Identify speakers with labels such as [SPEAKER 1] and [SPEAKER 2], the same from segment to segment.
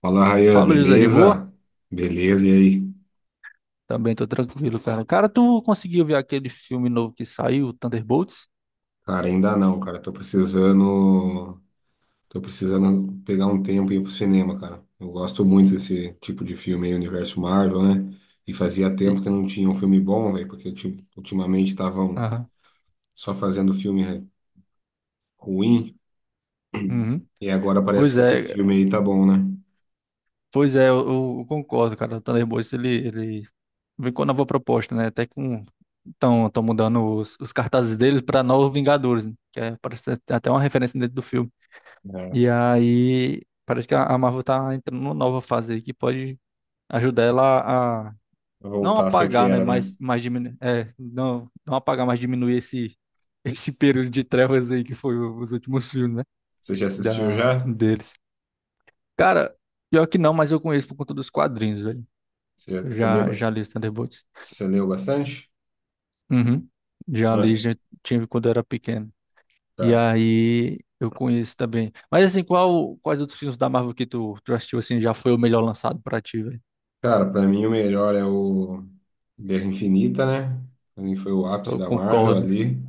[SPEAKER 1] Fala, Rayan,
[SPEAKER 2] Fala, José, de boa?
[SPEAKER 1] beleza? Beleza, e aí?
[SPEAKER 2] Também tô tranquilo, cara. Cara, tu conseguiu ver aquele filme novo que saiu, Thunderbolts?
[SPEAKER 1] Cara, ainda não, cara. Tô precisando. Tô precisando pegar um tempo e ir pro cinema, cara. Eu gosto muito desse tipo de filme aí, universo Marvel, né? E fazia
[SPEAKER 2] E-
[SPEAKER 1] tempo que não tinha um filme bom, velho, porque ultimamente estavam
[SPEAKER 2] Aham.
[SPEAKER 1] só fazendo filme ruim.
[SPEAKER 2] Uhum.
[SPEAKER 1] E agora parece
[SPEAKER 2] Pois
[SPEAKER 1] que esse
[SPEAKER 2] é,
[SPEAKER 1] filme aí tá bom, né?
[SPEAKER 2] pois é, eu concordo, cara. O Thunderbolts, ele vem com a nova proposta, né? Até que estão tão mudando os cartazes deles pra Novos Vingadores, né? Que é, parece até uma referência dentro do filme.
[SPEAKER 1] É,
[SPEAKER 2] E
[SPEAKER 1] se-
[SPEAKER 2] aí, parece que a Marvel tá entrando numa nova fase aí que pode ajudar ela não
[SPEAKER 1] Voltar a ser o que
[SPEAKER 2] apagar, né?
[SPEAKER 1] era, né?
[SPEAKER 2] Mas diminuir. É, não, não apagar, mas diminuir esse, esse período de trevas aí que foi os últimos filmes, né?
[SPEAKER 1] Você já assistiu já?
[SPEAKER 2] Deles. Cara, pior que não, mas eu conheço por conta dos quadrinhos, velho.
[SPEAKER 1] Você,
[SPEAKER 2] Eu
[SPEAKER 1] você
[SPEAKER 2] já,
[SPEAKER 1] lembra?
[SPEAKER 2] já li os Thunderbolts.
[SPEAKER 1] Você leu bastante?
[SPEAKER 2] Uhum. Já li,
[SPEAKER 1] Mano.
[SPEAKER 2] já tive quando eu era pequeno. E
[SPEAKER 1] Tá.
[SPEAKER 2] aí eu conheço também. Mas assim, quais outros filmes da Marvel que tu assistiu assim já foi o melhor lançado pra ti, velho?
[SPEAKER 1] Cara, pra mim o melhor é o Guerra Infinita, né? Pra mim foi o ápice
[SPEAKER 2] Eu
[SPEAKER 1] da Marvel
[SPEAKER 2] concordo.
[SPEAKER 1] ali,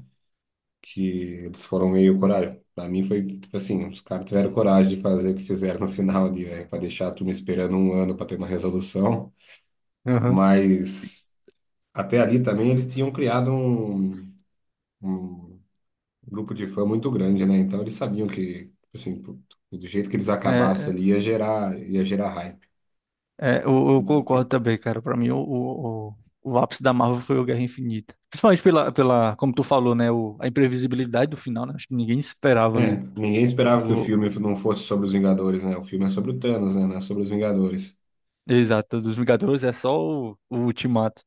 [SPEAKER 1] que eles foram meio coragem. Pra mim foi, tipo assim, os caras tiveram coragem de fazer o que fizeram no final ali, velho, pra deixar a turma esperando um ano pra ter uma resolução.
[SPEAKER 2] Uhum.
[SPEAKER 1] Mas até ali também eles tinham criado um, um grupo de fã muito grande, né? Então eles sabiam que, tipo assim, pro- do jeito que eles
[SPEAKER 2] É,
[SPEAKER 1] acabassem
[SPEAKER 2] é.
[SPEAKER 1] ali ia gerar hype.
[SPEAKER 2] É, eu concordo também, cara. Pra mim, o ápice da Marvel foi o Guerra Infinita. Principalmente pela, como tu falou, né? A imprevisibilidade do final, né? Acho que ninguém esperava
[SPEAKER 1] É,
[SPEAKER 2] ali.
[SPEAKER 1] ninguém esperava que o
[SPEAKER 2] O,
[SPEAKER 1] filme não fosse sobre os Vingadores, né? O filme é sobre o Thanos, né? Não é sobre os Vingadores.
[SPEAKER 2] Exato, dos Vingadores é só o Ultimato.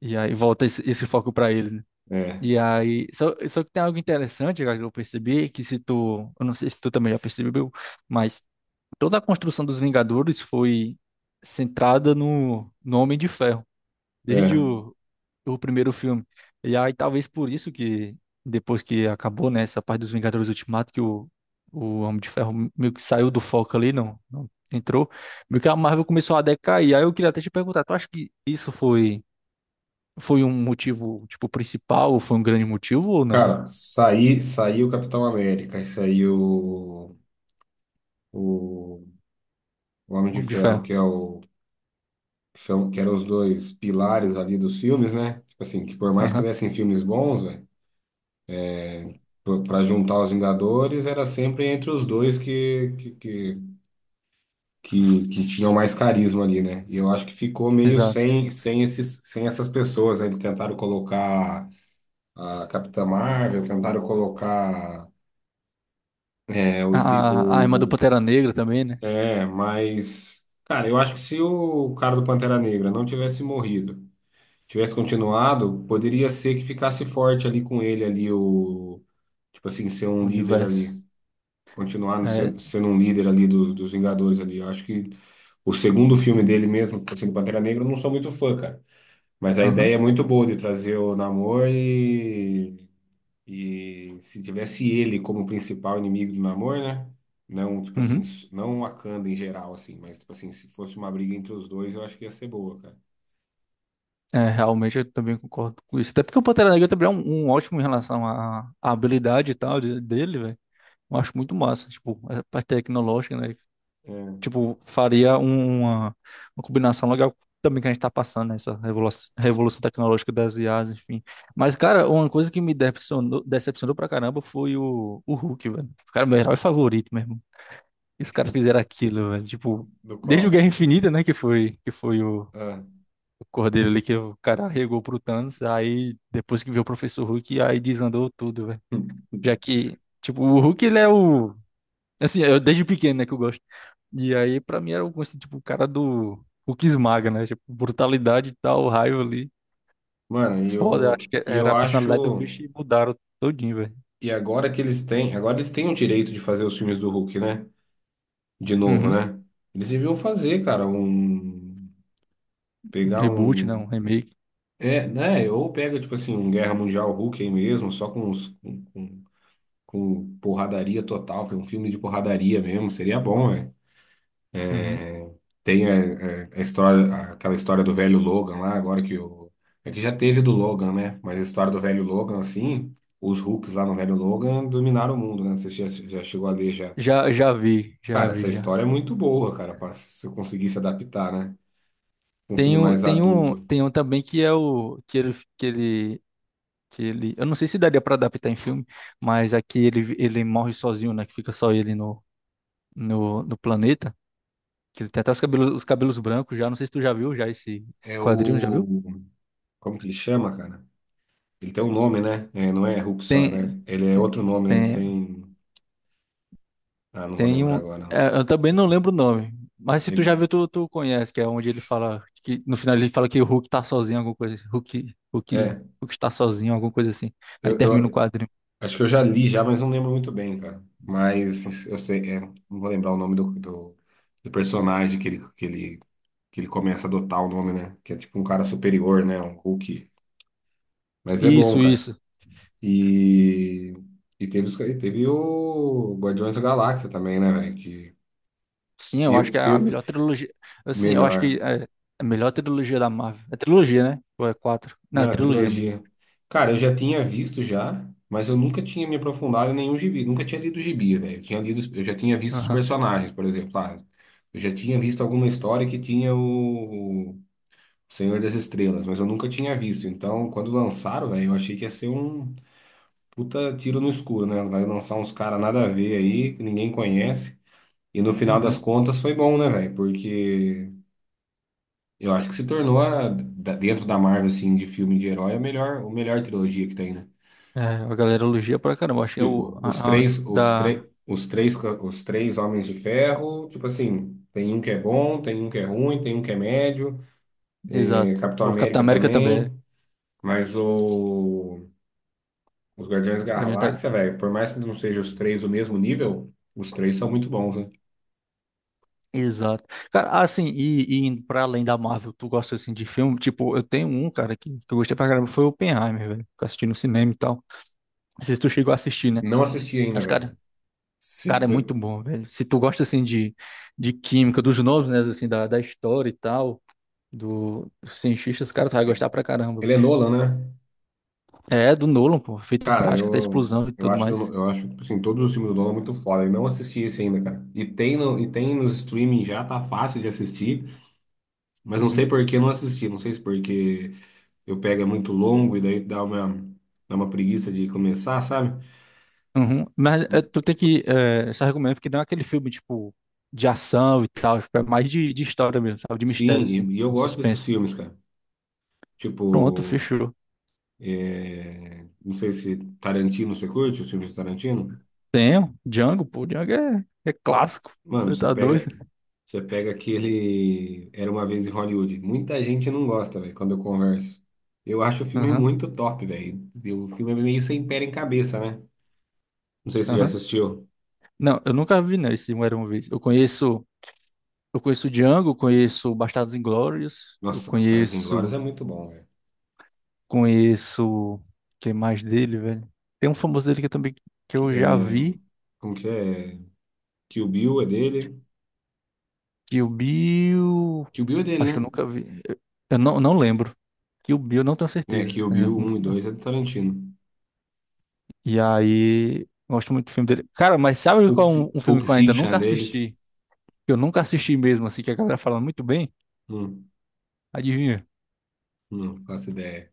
[SPEAKER 2] E aí volta esse foco pra eles, né?
[SPEAKER 1] É,
[SPEAKER 2] E aí, só que tem algo interessante, cara, que eu percebi, que se tu, eu não sei se tu também já percebeu, mas toda a construção dos Vingadores foi centrada no Homem de Ferro. Desde
[SPEAKER 1] é.
[SPEAKER 2] o primeiro filme. E aí talvez por isso que depois que acabou, né, essa parte dos Vingadores Ultimato, que o Homem de Ferro meio que saiu do foco ali, não, não entrou, meio que a Marvel começou a decair. Aí eu queria até te perguntar, tu acha que isso foi um motivo, tipo, principal, ou foi um grande motivo ou não, é?
[SPEAKER 1] Cara, saiu o Capitão América e saiu o, Homem
[SPEAKER 2] O
[SPEAKER 1] de
[SPEAKER 2] Homem de
[SPEAKER 1] Ferro,
[SPEAKER 2] Ferro.
[SPEAKER 1] que é o que são que eram os dois pilares ali dos filmes, né? Tipo assim, que por mais que
[SPEAKER 2] Aham,
[SPEAKER 1] tivessem filmes bons, velho, para juntar os Vingadores, era sempre entre os dois que tinham mais carisma ali, né? E eu acho que ficou meio
[SPEAKER 2] exato.
[SPEAKER 1] sem, sem esses, sem essas pessoas, né? Eles tentaram colocar a Capitã Marvel, tentaram colocar é, o,
[SPEAKER 2] A,
[SPEAKER 1] Steve,
[SPEAKER 2] a irmã do
[SPEAKER 1] o-
[SPEAKER 2] Pantera Negra também, né?
[SPEAKER 1] é, mas. Cara, eu acho que se o cara do Pantera Negra não tivesse morrido, tivesse continuado, poderia ser que ficasse forte ali com ele, ali, o. Tipo assim, ser
[SPEAKER 2] O
[SPEAKER 1] um líder
[SPEAKER 2] universo.
[SPEAKER 1] ali. Continuar no
[SPEAKER 2] É,
[SPEAKER 1] sendo um líder ali dos Vingadores ali. Eu acho que o segundo filme dele mesmo, que assim, do Pantera Negra, eu não sou muito fã, cara. Mas a
[SPEAKER 2] aham.
[SPEAKER 1] ideia é muito boa de trazer o Namor. E se tivesse ele como principal inimigo do Namor, né? Não, tipo assim,
[SPEAKER 2] Uhum.
[SPEAKER 1] não o Wakanda em geral, assim, mas tipo assim, se fosse uma briga entre os dois, eu acho que ia ser boa, cara.
[SPEAKER 2] É, realmente eu também concordo com isso. Até porque o Pantera Negra também é um ótimo em relação à habilidade e tal dele, velho. Eu acho muito massa, tipo, é, a parte tecnológica, né?
[SPEAKER 1] É,
[SPEAKER 2] Tipo, faria uma combinação legal também que a gente tá passando, né? Essa revolução tecnológica das IAs, enfim. Mas, cara, uma coisa que me decepcionou, decepcionou pra caramba foi o Hulk, velho. Cara, é meu herói favorito mesmo. Os caras fizeram aquilo, velho. Tipo,
[SPEAKER 1] do
[SPEAKER 2] desde o Guerra
[SPEAKER 1] Colossus.
[SPEAKER 2] Infinita, né? Que foi o
[SPEAKER 1] Ah.
[SPEAKER 2] o Cordeiro ali que o cara regou pro Thanos, aí depois que viu o Professor Hulk, aí desandou tudo, velho. Já que, tipo, o Hulk ele é o. Assim, eu desde pequeno, né, que eu gosto. E aí, pra mim, era o, assim, tipo, o cara do Hulk esmaga, né? Tipo, brutalidade e tal, raio ali.
[SPEAKER 1] Mano, e
[SPEAKER 2] Foda, acho
[SPEAKER 1] eu,
[SPEAKER 2] que
[SPEAKER 1] e
[SPEAKER 2] era
[SPEAKER 1] eu
[SPEAKER 2] a personalidade do
[SPEAKER 1] acho.
[SPEAKER 2] bicho e mudaram todinho, velho.
[SPEAKER 1] E agora que eles têm. Agora eles têm o direito de fazer os filmes do Hulk, né? De novo,
[SPEAKER 2] Uhum.
[SPEAKER 1] né? Eles deviam fazer, cara, um.
[SPEAKER 2] Um
[SPEAKER 1] Pegar
[SPEAKER 2] Reboot, né um
[SPEAKER 1] um.
[SPEAKER 2] remake.
[SPEAKER 1] É, né? Ou pega, tipo assim, um Guerra Mundial Hulk aí mesmo, só com os. Com porradaria total, foi um filme de porradaria mesmo, seria bom, né?
[SPEAKER 2] Uhum.
[SPEAKER 1] Tem é, é, a, história, aquela história do velho Logan lá, agora que o. É que já teve do Logan, né? Mas a história do velho Logan, assim, os Hulks lá no velho Logan dominaram o mundo, né? Você já, já chegou a ler já.
[SPEAKER 2] Já, já vi, já
[SPEAKER 1] Cara, essa
[SPEAKER 2] vi, já.
[SPEAKER 1] história é muito boa, cara, pra, se eu conseguisse adaptar, né? Um filme
[SPEAKER 2] Tem, o,
[SPEAKER 1] mais
[SPEAKER 2] tem, um,
[SPEAKER 1] adulto.
[SPEAKER 2] tem um também que é o. Que ele, eu não sei se daria para adaptar em filme, mas aqui ele morre sozinho, né, que fica só ele no planeta, que ele tem até os cabelos brancos já, não sei se tu já viu já esse
[SPEAKER 1] É
[SPEAKER 2] esse
[SPEAKER 1] o.
[SPEAKER 2] quadrinho, já viu?
[SPEAKER 1] Como que ele chama, cara? Ele tem um nome, né? É, não é Hulk só,
[SPEAKER 2] Tem
[SPEAKER 1] né? Ele é
[SPEAKER 2] tem
[SPEAKER 1] outro nome, né? Ele
[SPEAKER 2] tem
[SPEAKER 1] tem. Ah, não vou
[SPEAKER 2] tem
[SPEAKER 1] lembrar
[SPEAKER 2] um
[SPEAKER 1] agora, não.
[SPEAKER 2] é, eu também não lembro o nome, mas se tu já
[SPEAKER 1] Ele
[SPEAKER 2] viu tu conhece, que é onde ele fala que no final ele fala que o Hulk tá sozinho, alguma coisa, assim. Hulk Hulk
[SPEAKER 1] é,
[SPEAKER 2] Hulk está sozinho, alguma coisa assim. Aí
[SPEAKER 1] eu,
[SPEAKER 2] termina o
[SPEAKER 1] eu
[SPEAKER 2] quadrinho.
[SPEAKER 1] acho que eu já li já, mas não lembro muito bem, cara. Mas eu sei, é, não vou lembrar o nome do, do, do personagem que ele, que ele, que ele começa a adotar o nome, né? Que é tipo um cara superior, né? Um Hulk. Mas é bom,
[SPEAKER 2] Isso,
[SPEAKER 1] cara.
[SPEAKER 2] isso.
[SPEAKER 1] E, e teve, e teve o Guardiões da Galáxia também, né, velho? Que
[SPEAKER 2] Sim, eu acho que
[SPEAKER 1] eu,
[SPEAKER 2] é a
[SPEAKER 1] eu,
[SPEAKER 2] melhor trilogia. Assim, eu acho
[SPEAKER 1] melhor.
[SPEAKER 2] que é a melhor trilogia da Marvel. É trilogia, né? Ou é quatro? Não, é
[SPEAKER 1] Não, a
[SPEAKER 2] trilogia mesmo.
[SPEAKER 1] trilogia. Cara, eu já tinha visto já, mas eu nunca tinha me aprofundado em nenhum gibi. Nunca tinha lido gibi, velho. Eu tinha lido, eu já tinha visto os
[SPEAKER 2] Aham.
[SPEAKER 1] personagens, por exemplo. Ah, eu já tinha visto alguma história que tinha o Senhor das Estrelas, mas eu nunca tinha visto. Então, quando lançaram, velho, eu achei que ia ser um puta tiro no escuro, né? Vai lançar uns caras nada a ver aí, que ninguém conhece. E no final das
[SPEAKER 2] Uhum.
[SPEAKER 1] contas foi bom, né, velho? Porque eu acho que se tornou, dentro da Marvel, assim, de filme de herói, a melhor, o melhor trilogia que tem, né?
[SPEAKER 2] É, a galera elogia pra caramba. Acho que é o
[SPEAKER 1] Tipo,
[SPEAKER 2] da.
[SPEAKER 1] os três homens de ferro, tipo assim, tem um que é bom, tem um que é ruim, tem um que é médio, eh,
[SPEAKER 2] Exato.
[SPEAKER 1] Capitão
[SPEAKER 2] O Capitão
[SPEAKER 1] América
[SPEAKER 2] América também é.
[SPEAKER 1] também, mas o, os Guardiões da
[SPEAKER 2] Guardião da-
[SPEAKER 1] Galáxia, velho, por mais que não sejam os três do mesmo nível, os três são muito bons, né?
[SPEAKER 2] Exato. Cara, assim, e indo pra além da Marvel, tu gosta assim de filme? Tipo, eu tenho um, cara, que eu gostei pra caramba, foi o Oppenheimer, velho. Que eu assisti no cinema e tal. Não sei se tu chegou a assistir, né?
[SPEAKER 1] Não assisti ainda,
[SPEAKER 2] Mas,
[SPEAKER 1] velho.
[SPEAKER 2] cara,
[SPEAKER 1] Se-
[SPEAKER 2] Cara, é muito
[SPEAKER 1] eu-
[SPEAKER 2] bom, velho. Se tu gosta, assim, de química, dos nomes, né, assim, da história e tal, dos cientistas, cara, tu vai gostar pra caramba,
[SPEAKER 1] Ele é
[SPEAKER 2] bicho.
[SPEAKER 1] Nolan, né?
[SPEAKER 2] É, do Nolan, pô, feito
[SPEAKER 1] Cara,
[SPEAKER 2] prática, até explosão e tudo mais.
[SPEAKER 1] eu acho, tipo assim, todos os filmes do Nolan muito foda. Eu não assisti esse ainda, cara. E tem, no, e tem nos streaming já, tá fácil de assistir. Mas não sei
[SPEAKER 2] Uhum,
[SPEAKER 1] por que eu não assisti. Não sei se porque eu pego é muito longo e daí dá uma preguiça de começar, sabe?
[SPEAKER 2] uhum. Mas é, tu tem que, só recomendo, porque não é aquele filme, tipo, de ação e tal, tipo, é mais de história mesmo, sabe, de mistério,
[SPEAKER 1] Sim,
[SPEAKER 2] assim,
[SPEAKER 1] e eu
[SPEAKER 2] um
[SPEAKER 1] gosto desses
[SPEAKER 2] suspense.
[SPEAKER 1] filmes, cara.
[SPEAKER 2] Pronto,
[SPEAKER 1] Tipo,
[SPEAKER 2] fechou.
[SPEAKER 1] é, não sei se Tarantino você curte, os filmes de Tarantino.
[SPEAKER 2] Tenho, Django, pô, Django é clássico,
[SPEAKER 1] Mano,
[SPEAKER 2] você tá doido?
[SPEAKER 1] você pega aquele Era uma vez em Hollywood. Muita gente não gosta, velho, quando eu converso. Eu acho o filme
[SPEAKER 2] Aham,
[SPEAKER 1] muito top, velho. E o filme é meio sem pé em cabeça, né? Não sei se você já
[SPEAKER 2] aham.
[SPEAKER 1] assistiu.
[SPEAKER 2] Não, eu nunca vi, né, esse Um Era Uma Vez. Eu conheço o Django, conheço Bastardos Inglórios, eu
[SPEAKER 1] Nossa, Bastardos Inglórios
[SPEAKER 2] conheço,
[SPEAKER 1] é muito bom, velho.
[SPEAKER 2] conheço, quem mais dele, velho? Tem um famoso dele que eu já
[SPEAKER 1] É,
[SPEAKER 2] vi,
[SPEAKER 1] como que é? Kill Bill é dele.
[SPEAKER 2] Kill Bill,
[SPEAKER 1] Kill Bill é dele,
[SPEAKER 2] acho que eu
[SPEAKER 1] né?
[SPEAKER 2] nunca vi, eu não, não lembro. Kill Bill, eu não tenho
[SPEAKER 1] É,
[SPEAKER 2] certeza.
[SPEAKER 1] Kill
[SPEAKER 2] Né?
[SPEAKER 1] Bill
[SPEAKER 2] Eu
[SPEAKER 1] um e
[SPEAKER 2] não-
[SPEAKER 1] dois é do Tarantino.
[SPEAKER 2] E aí, gosto muito do filme dele. Cara, mas sabe qual é um filme
[SPEAKER 1] Pulp
[SPEAKER 2] que eu ainda
[SPEAKER 1] Fiction é
[SPEAKER 2] nunca
[SPEAKER 1] deles.
[SPEAKER 2] assisti, que eu nunca assisti mesmo, assim, que a galera fala muito bem?
[SPEAKER 1] Hum,
[SPEAKER 2] Adivinha?
[SPEAKER 1] não faço ideia.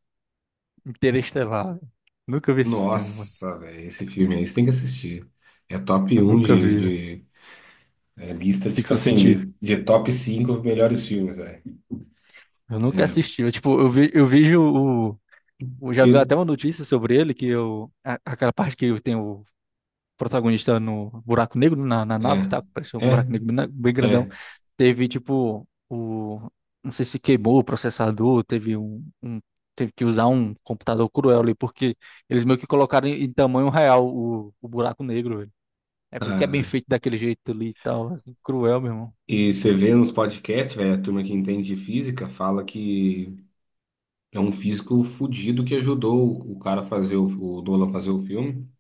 [SPEAKER 2] Interestelar, velho. Nunca vi esse filme, mano.
[SPEAKER 1] Nossa, velho, esse filme aí você tem que assistir. É top
[SPEAKER 2] Eu
[SPEAKER 1] um
[SPEAKER 2] nunca vi, velho.
[SPEAKER 1] de é, lista, tipo
[SPEAKER 2] Ficção
[SPEAKER 1] assim,
[SPEAKER 2] científica.
[SPEAKER 1] de top 5 melhores filmes, velho.
[SPEAKER 2] Eu nunca
[SPEAKER 1] É,
[SPEAKER 2] assisti. Eu, tipo, eu, vi, eu vejo o, o. Já vi até
[SPEAKER 1] Eu-
[SPEAKER 2] uma notícia sobre ele, que eu. Aquela parte que tem o protagonista no buraco negro, na
[SPEAKER 1] É,
[SPEAKER 2] nave, tá? Parece um
[SPEAKER 1] é,
[SPEAKER 2] buraco negro bem bem grandão.
[SPEAKER 1] é,
[SPEAKER 2] Teve, tipo, o. Não sei se queimou o processador, teve um. Teve que usar um computador cruel ali, porque eles meio que colocaram em tamanho real o buraco negro, velho. É por isso que é bem
[SPEAKER 1] cara.
[SPEAKER 2] feito daquele jeito ali e tal. É cruel, meu irmão.
[SPEAKER 1] E você vê nos podcasts, velho, a turma que entende de física fala que é um físico fudido que ajudou o cara a fazer o Nolan fazer o filme.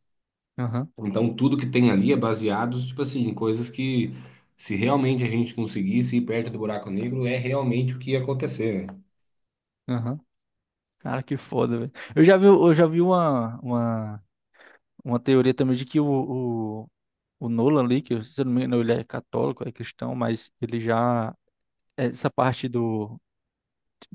[SPEAKER 2] Aham,
[SPEAKER 1] Então tudo que tem ali é baseado, tipo assim, em coisas que se realmente a gente conseguisse ir perto do buraco negro, é realmente o que ia acontecer, né?
[SPEAKER 2] aham. Cara, que foda, velho. Eu já vi uma teoria também de que o, o Nolan ali, que se eu não me engano, ele é católico, é cristão, mas ele já. Essa parte do.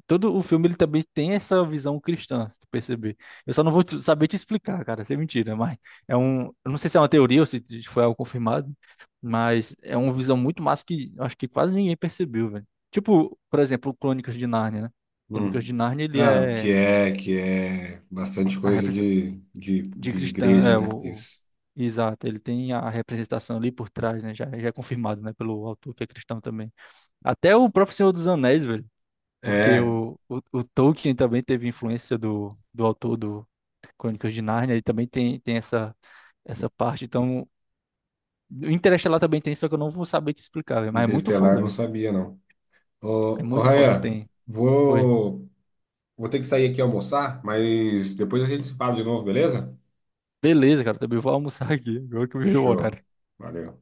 [SPEAKER 2] Todo o filme ele também tem essa visão cristã, se tu perceber. Eu só não vou saber te explicar, cara, isso é mentira, mas é um. Eu não sei se é uma teoria ou se foi algo confirmado, mas é uma visão muito massa que eu acho que quase ninguém percebeu, velho. Tipo, por exemplo, Crônicas de Nárnia, né? Crônicas
[SPEAKER 1] Hum.
[SPEAKER 2] de Nárnia, ele
[SPEAKER 1] Ah, o
[SPEAKER 2] é.
[SPEAKER 1] que é bastante
[SPEAKER 2] A
[SPEAKER 1] coisa
[SPEAKER 2] de
[SPEAKER 1] de
[SPEAKER 2] cristã,
[SPEAKER 1] igreja,
[SPEAKER 2] é
[SPEAKER 1] né? Isso.
[SPEAKER 2] exato, ele tem a representação ali por trás, né? Já é confirmado, né, pelo autor que é cristão também. Até o próprio Senhor dos Anéis, velho, porque
[SPEAKER 1] É,
[SPEAKER 2] o Tolkien também teve influência do autor do Crônicas de Nárnia, ele também tem essa parte, então o Interestelar também tem, só que eu não vou saber te explicar, velho, mas é muito
[SPEAKER 1] Interestelar eu
[SPEAKER 2] foda,
[SPEAKER 1] não
[SPEAKER 2] velho.
[SPEAKER 1] sabia, não.
[SPEAKER 2] É
[SPEAKER 1] Ô, ô
[SPEAKER 2] muito foda,
[SPEAKER 1] Rayan,
[SPEAKER 2] tem. Oi.
[SPEAKER 1] vou, vou ter que sair aqui almoçar, mas depois a gente se fala de novo, beleza?
[SPEAKER 2] Beleza, cara, também vou almoçar aqui, agora que eu vi o horário.
[SPEAKER 1] Fechou. Valeu.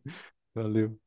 [SPEAKER 2] Valeu.